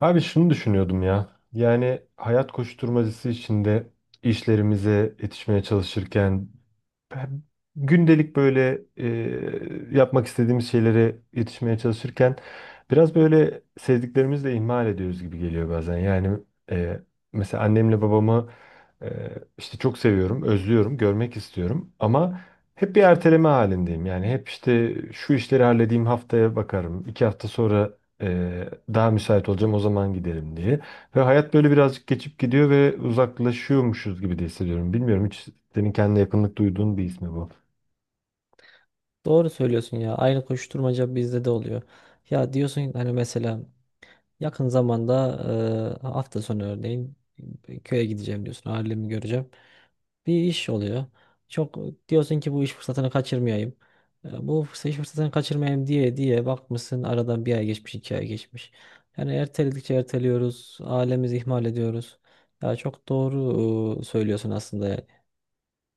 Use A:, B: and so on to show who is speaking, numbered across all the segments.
A: Abi şunu düşünüyordum ya. Yani hayat koşturmacası içinde işlerimize yetişmeye çalışırken hem gündelik böyle yapmak istediğimiz şeylere yetişmeye çalışırken biraz böyle sevdiklerimizi de ihmal ediyoruz gibi geliyor bazen. Yani e, mesela annemle babamı, e, işte çok seviyorum, özlüyorum, görmek istiyorum ama hep bir erteleme halindeyim. Yani hep işte şu işleri halledeyim haftaya bakarım, iki hafta sonra e, daha müsait olacağım o zaman gidelim diye. Ve hayat böyle birazcık geçip gidiyor ve uzaklaşıyormuşuz gibi de hissediyorum. Bilmiyorum hiç senin kendine yakınlık duyduğun bir ismi bu.
B: Doğru söylüyorsun ya. Aynı koşturmaca bizde de oluyor. Ya diyorsun hani mesela yakın zamanda hafta sonu örneğin köye gideceğim diyorsun. Ailemi göreceğim. Bir iş oluyor. Çok diyorsun ki bu iş fırsatını kaçırmayayım. İş fırsatını kaçırmayayım diye diye bakmışsın aradan bir ay geçmiş, iki ay geçmiş. Yani erteledikçe erteliyoruz. Ailemizi ihmal ediyoruz. Ya çok doğru söylüyorsun aslında. Yani.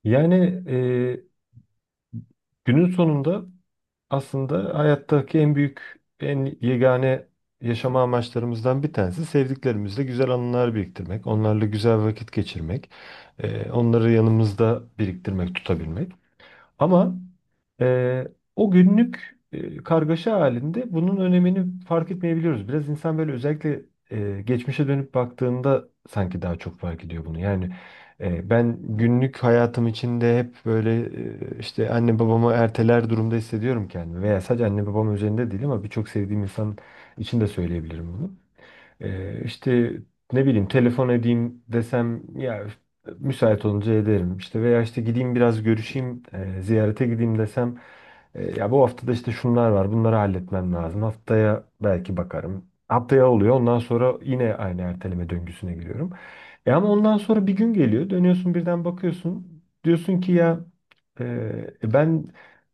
A: Yani e, günün sonunda aslında hayattaki en büyük, en yegane yaşama amaçlarımızdan bir tanesi sevdiklerimizle güzel anılar biriktirmek, onlarla güzel vakit geçirmek, onları yanımızda biriktirmek, tutabilmek. Ama e, o günlük kargaşa halinde bunun önemini fark etmeyebiliyoruz. Biraz insan böyle özellikle geçmişe dönüp baktığında sanki daha çok fark ediyor bunu. Yani, ben günlük hayatım içinde hep böyle işte anne babamı erteler durumda hissediyorum kendimi. Veya sadece anne babam üzerinde değil ama birçok sevdiğim insan için de söyleyebilirim bunu. İşte ne bileyim telefon edeyim desem ya müsait olunca ederim. İşte veya işte gideyim biraz görüşeyim, ziyarete gideyim desem ya bu haftada işte şunlar var, bunları halletmem lazım. Haftaya belki bakarım. Haftaya oluyor. Ondan sonra yine aynı erteleme döngüsüne giriyorum. E ama ondan sonra bir gün geliyor. Dönüyorsun birden bakıyorsun. Diyorsun ki ya, e, ben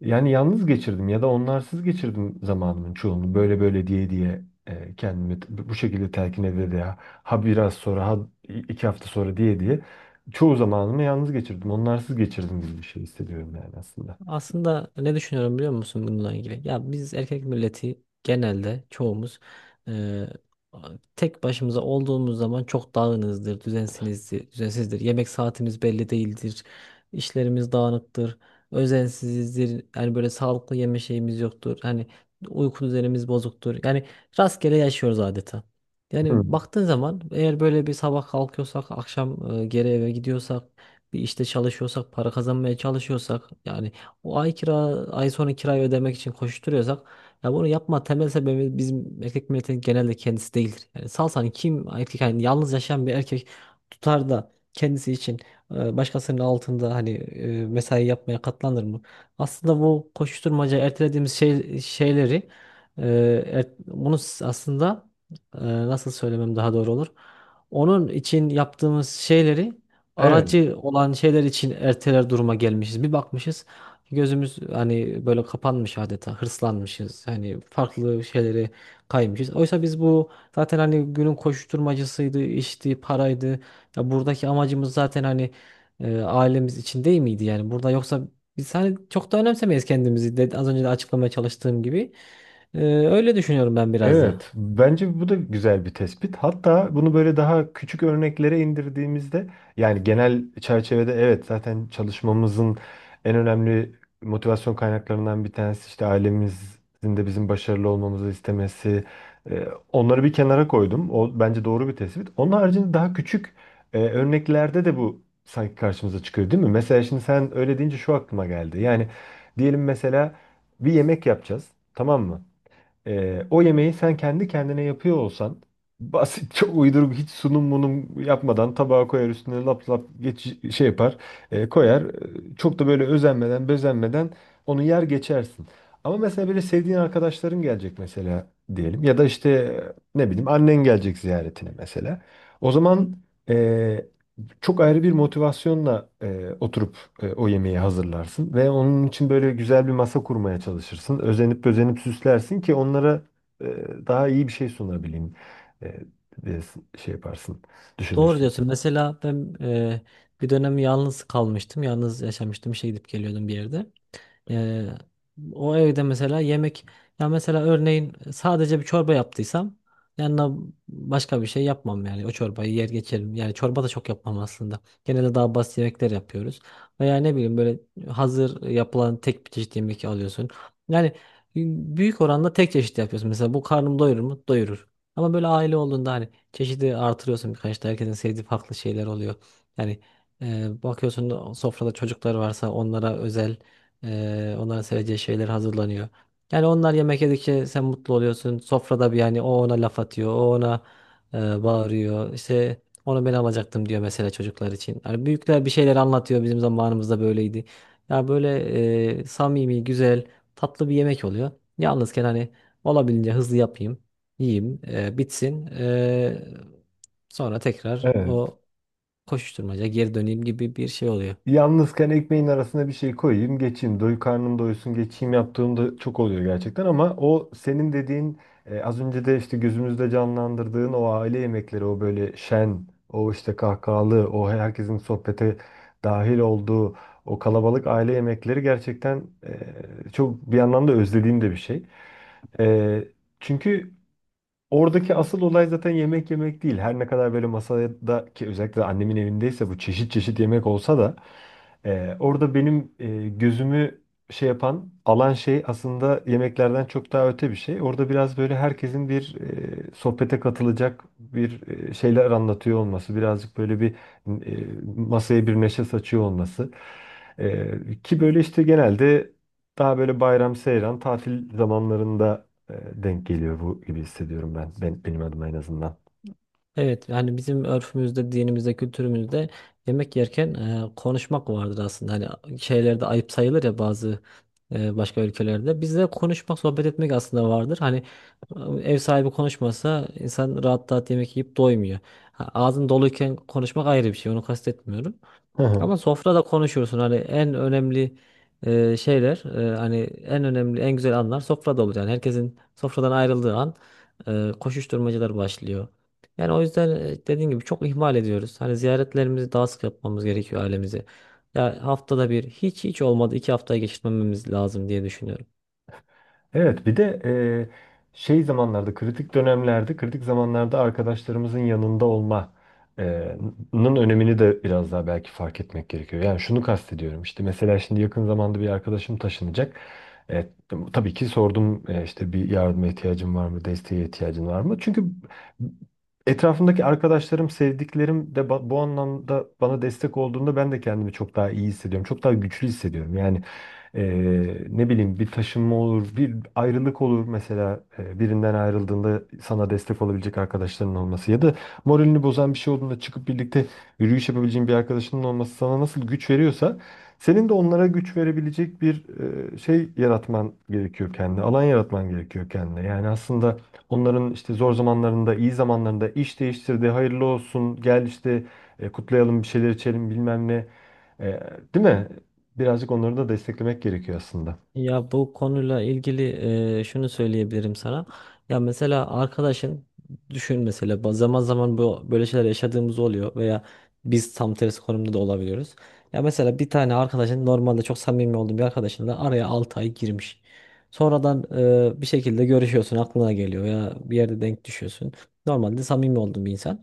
A: yani yalnız geçirdim ya da onlarsız geçirdim zamanımın çoğunu. Böyle böyle diye diye, kendimi bu şekilde telkin ede de ha, ha biraz sonra ha, iki hafta sonra diye diye çoğu zamanımı yalnız geçirdim. Onlarsız geçirdim gibi bir şey hissediyorum yani aslında.
B: Aslında ne düşünüyorum biliyor musun bununla ilgili? Ya biz erkek milleti genelde çoğumuz eee, tek başımıza olduğumuz zaman çok dağınızdır, düzensinizdir, düzensizdir. Yemek saatimiz belli değildir. İşlerimiz dağınıktır, özensizdir. Yani böyle sağlıklı yeme şeyimiz yoktur. Hani uyku düzenimiz bozuktur. Yani rastgele yaşıyoruz adeta.
A: Hı.
B: Yani baktığın zaman eğer böyle bir sabah kalkıyorsak, akşam geri eve gidiyorsak, bir işte çalışıyorsak, para kazanmaya çalışıyorsak yani o ay kira ay sonu kirayı ödemek için koşturuyorsak ya bunu yapma temel sebebi bizim erkek milletin genelde kendisi değildir. Yani salsan kim erkek yani yalnız yaşayan bir erkek tutar da kendisi için başkasının altında hani mesai yapmaya katlanır mı? Aslında bu koşturmaca ertelediğimiz şey, şeyleri e, aslında nasıl söylemem daha doğru olur? Onun için yaptığımız şeyleri
A: Evet.
B: aracı olan şeyler için erteler duruma gelmişiz. Bir bakmışız. Gözümüz hani böyle kapanmış adeta hırslanmışız. Hani farklı şeylere kaymışız. Oysa biz bu zaten hani günün koşuşturmacasıydı, işti, paraydı. Ya buradaki amacımız zaten hani ailemiz için değil miydi yani? Burada yoksa biz hani çok da önemsemeyiz kendimizi de, az önce de açıklamaya çalıştığım gibi. Öyle düşünüyorum ben biraz da.
A: Evet, bence bu da güzel bir tespit. Hatta bunu böyle daha küçük örneklere indirdiğimizde, yani genel çerçevede evet zaten çalışmamızın en önemli motivasyon kaynaklarından bir tanesi işte ailemizin de bizim başarılı olmamızı istemesi. Onları bir kenara koydum. O bence doğru bir tespit. Onun haricinde daha küçük örneklerde de bu sanki karşımıza çıkıyor, değil mi? Mesela şimdi sen öyle deyince şu aklıma geldi. Yani diyelim mesela bir yemek yapacağız, tamam mı? O yemeği sen kendi kendine yapıyor olsan basit çok uyduruk hiç sunum munum yapmadan tabağa koyar üstüne lap lap geç, şey yapar, koyar. E, çok da böyle özenmeden bezenmeden onu yer geçersin. Ama mesela böyle sevdiğin arkadaşların gelecek mesela, diyelim ya da işte ne bileyim annen gelecek ziyaretine mesela. O zaman çok ayrı bir motivasyonla oturup o yemeği hazırlarsın ve onun için böyle güzel bir masa kurmaya çalışırsın. Özenip özenip süslersin ki onlara e, daha iyi bir şey sunabileyim. E, e, Şey yaparsın,
B: Doğru
A: düşünürsün.
B: diyorsun. Mesela ben bir dönem yalnız kalmıştım. Yalnız yaşamıştım. İşe gidip geliyordum bir yerde. Ee, O evde mesela yemek ya mesela örneğin sadece bir çorba yaptıysam yanına başka bir şey yapmam yani o çorbayı yer geçerim. Yani çorba da çok yapmam aslında. Genelde daha basit yemekler yapıyoruz. Veya ne bileyim böyle hazır yapılan tek bir çeşit yemek alıyorsun. Yani büyük oranda tek çeşit yapıyorsun. Mesela bu karnım doyurur mu? Doyurur. Ama böyle aile olduğunda hani çeşidi artırıyorsun birkaç da herkesin sevdiği farklı şeyler oluyor. Yani bakıyorsun sofrada çocuklar varsa onlara özel onların seveceği şeyler hazırlanıyor. Yani onlar yemek yedikçe sen mutlu oluyorsun. Sofrada bir yani o ona laf atıyor, o ona bağırıyor. İşte onu ben alacaktım diyor mesela çocuklar için. Yani büyükler bir şeyler anlatıyor bizim zamanımızda böyleydi. Ya böyle samimi, güzel, tatlı bir yemek oluyor. Yalnızken hani olabildiğince hızlı yapayım, yiyeyim, bitsin. Sonra tekrar
A: Evet.
B: o koşuşturmaca geri döneyim gibi bir şey oluyor.
A: Yalnızken ekmeğin arasına bir şey koyayım, geçeyim. Doy karnım doysun, geçeyim yaptığımda çok oluyor gerçekten ama o senin dediğin, az önce de işte gözümüzde canlandırdığın o aile yemekleri, o böyle şen, o işte kahkahalı, o herkesin sohbete dahil olduğu o kalabalık aile yemekleri gerçekten çok bir yandan da özlediğim de bir şey. E, Çünkü oradaki asıl olay zaten yemek yemek değil. Her ne kadar böyle masada ki özellikle de annemin evindeyse bu çeşit çeşit yemek olsa da orada benim gözümü şey yapan alan şey aslında yemeklerden çok daha öte bir şey. Orada biraz böyle herkesin bir sohbete katılacak bir şeyler anlatıyor olması, birazcık böyle bir e, masaya bir neşe saçıyor olması. E, ki böyle işte genelde daha böyle bayram, seyran, tatil zamanlarında e, denk geliyor bu gibi hissediyorum ben. Ben benim adıma en azından.
B: Evet yani bizim örfümüzde, dinimizde, kültürümüzde yemek yerken konuşmak vardır aslında. Hani şeylerde ayıp sayılır ya bazı başka ülkelerde. Bizde konuşmak, sohbet etmek aslında vardır. Hani e, ev sahibi konuşmasa insan rahat rahat yemek yiyip doymuyor. Ha, ağzın doluyken konuşmak ayrı bir şey. Onu kastetmiyorum.
A: Hı hı.
B: Ama sofrada konuşursun hani en önemli şeyler hani en önemli en güzel anlar sofrada olur yani herkesin sofradan ayrıldığı an koşuşturmacalar başlıyor. Yani o yüzden dediğim gibi çok ihmal ediyoruz. Hani ziyaretlerimizi daha sık yapmamız gerekiyor ailemizi. Ya haftada bir hiç olmadı iki haftaya geçirmememiz lazım diye düşünüyorum.
A: Evet, bir de şey zamanlarda, kritik dönemlerde, kritik zamanlarda arkadaşlarımızın yanında olma e, nın önemini de biraz daha belki fark etmek gerekiyor. Yani şunu kastediyorum. İşte mesela şimdi yakın zamanda bir arkadaşım taşınacak. E, tabii ki sordum, işte bir yardıma ihtiyacın var mı, desteğe ihtiyacın var mı? Çünkü etrafımdaki arkadaşlarım, sevdiklerim de bu anlamda bana destek olduğunda ben de kendimi çok daha iyi hissediyorum. Çok daha güçlü hissediyorum. Yani ne bileyim bir taşınma olur, bir ayrılık olur mesela, birinden ayrıldığında sana destek olabilecek arkadaşların olması ya da moralini bozan bir şey olduğunda çıkıp birlikte yürüyüş yapabileceğin bir arkadaşının olması sana nasıl güç veriyorsa senin de onlara güç verebilecek bir şey yaratman gerekiyor kendine, alan yaratman gerekiyor kendine. Yani aslında onların işte zor zamanlarında, iyi zamanlarında iş değiştirdi, hayırlı olsun, gel işte kutlayalım bir şeyler içelim bilmem ne. E, değil mi? Birazcık onları da desteklemek gerekiyor aslında.
B: Ya bu konuyla ilgili şunu söyleyebilirim sana. Ya mesela arkadaşın düşün mesela zaman zaman bu böyle şeyler yaşadığımız oluyor veya biz tam tersi konumda da olabiliyoruz. Ya mesela bir tane arkadaşın normalde çok samimi olduğum bir arkadaşınla araya 6 ay girmiş. Sonradan bir şekilde görüşüyorsun aklına geliyor ya bir yerde denk düşüyorsun. Normalde samimi olduğun bir insan.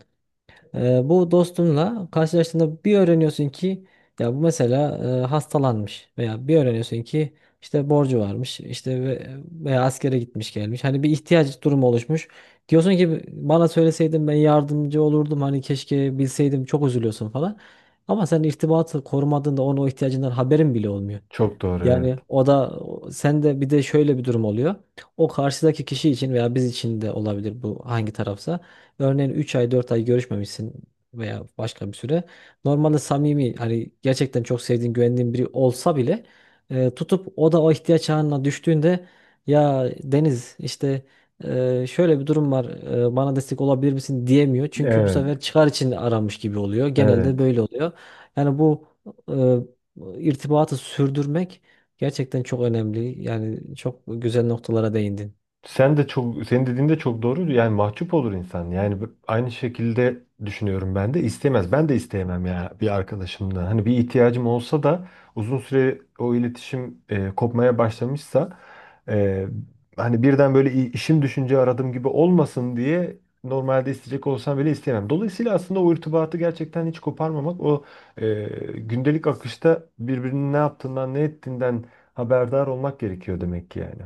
B: Bu dostunla karşılaştığında bir öğreniyorsun ki ya bu mesela hastalanmış veya bir öğreniyorsun ki işte borcu varmış işte veya askere gitmiş gelmiş hani bir ihtiyaç durumu oluşmuş diyorsun ki bana söyleseydin ben yardımcı olurdum hani keşke bilseydim çok üzülüyorsun falan ama sen irtibatı korumadığında onun o ihtiyacından haberin bile olmuyor.
A: Çok doğru, evet.
B: Yani o da sen de bir de şöyle bir durum oluyor. O karşıdaki kişi için veya biz için de olabilir bu hangi tarafsa. Örneğin 3 ay 4 ay görüşmemişsin veya başka bir süre. Normalde samimi hani gerçekten çok sevdiğin güvendiğin biri olsa bile tutup o da o ihtiyaç anına düştüğünde ya Deniz işte şöyle bir durum var bana destek olabilir misin diyemiyor. Çünkü bu
A: Evet,
B: sefer çıkar için aramış gibi oluyor. Genelde
A: evet.
B: böyle oluyor. Yani bu irtibatı sürdürmek gerçekten çok önemli. Yani çok güzel noktalara değindin.
A: Sen de çok, senin dediğin de çok doğru. Yani mahcup olur insan. Yani aynı şekilde düşünüyorum ben de. İstemez, ben de isteyemem ya bir arkadaşımdan. Hani bir ihtiyacım olsa da uzun süre o iletişim kopmaya başlamışsa e, hani birden böyle işim düşünce aradım gibi olmasın diye normalde isteyecek olsam bile isteyemem. Dolayısıyla aslında o irtibatı gerçekten hiç koparmamak, o e, gündelik akışta birbirinin ne yaptığından ne ettiğinden haberdar olmak gerekiyor demek ki yani.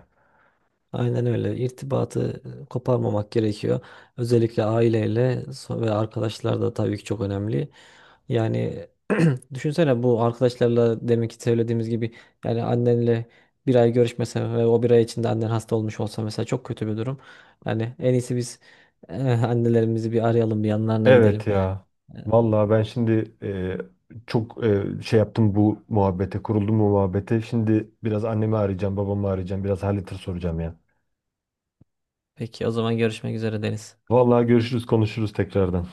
B: Aynen öyle. İrtibatı koparmamak gerekiyor. Özellikle aileyle ve arkadaşlar da tabii ki çok önemli. Yani düşünsene bu arkadaşlarla demek ki söylediğimiz gibi yani annenle bir ay görüşmesen ve o bir ay içinde annen hasta olmuş olsa mesela çok kötü bir durum. Yani en iyisi biz annelerimizi bir arayalım, bir yanlarına gidelim.
A: Evet ya. Vallahi ben şimdi, çok şey yaptım bu muhabbete, kuruldum bu muhabbete. Şimdi biraz annemi arayacağım, babamı arayacağım, biraz hal hatır soracağım ya.
B: Peki o zaman görüşmek üzere Deniz.
A: Vallahi görüşürüz, konuşuruz tekrardan.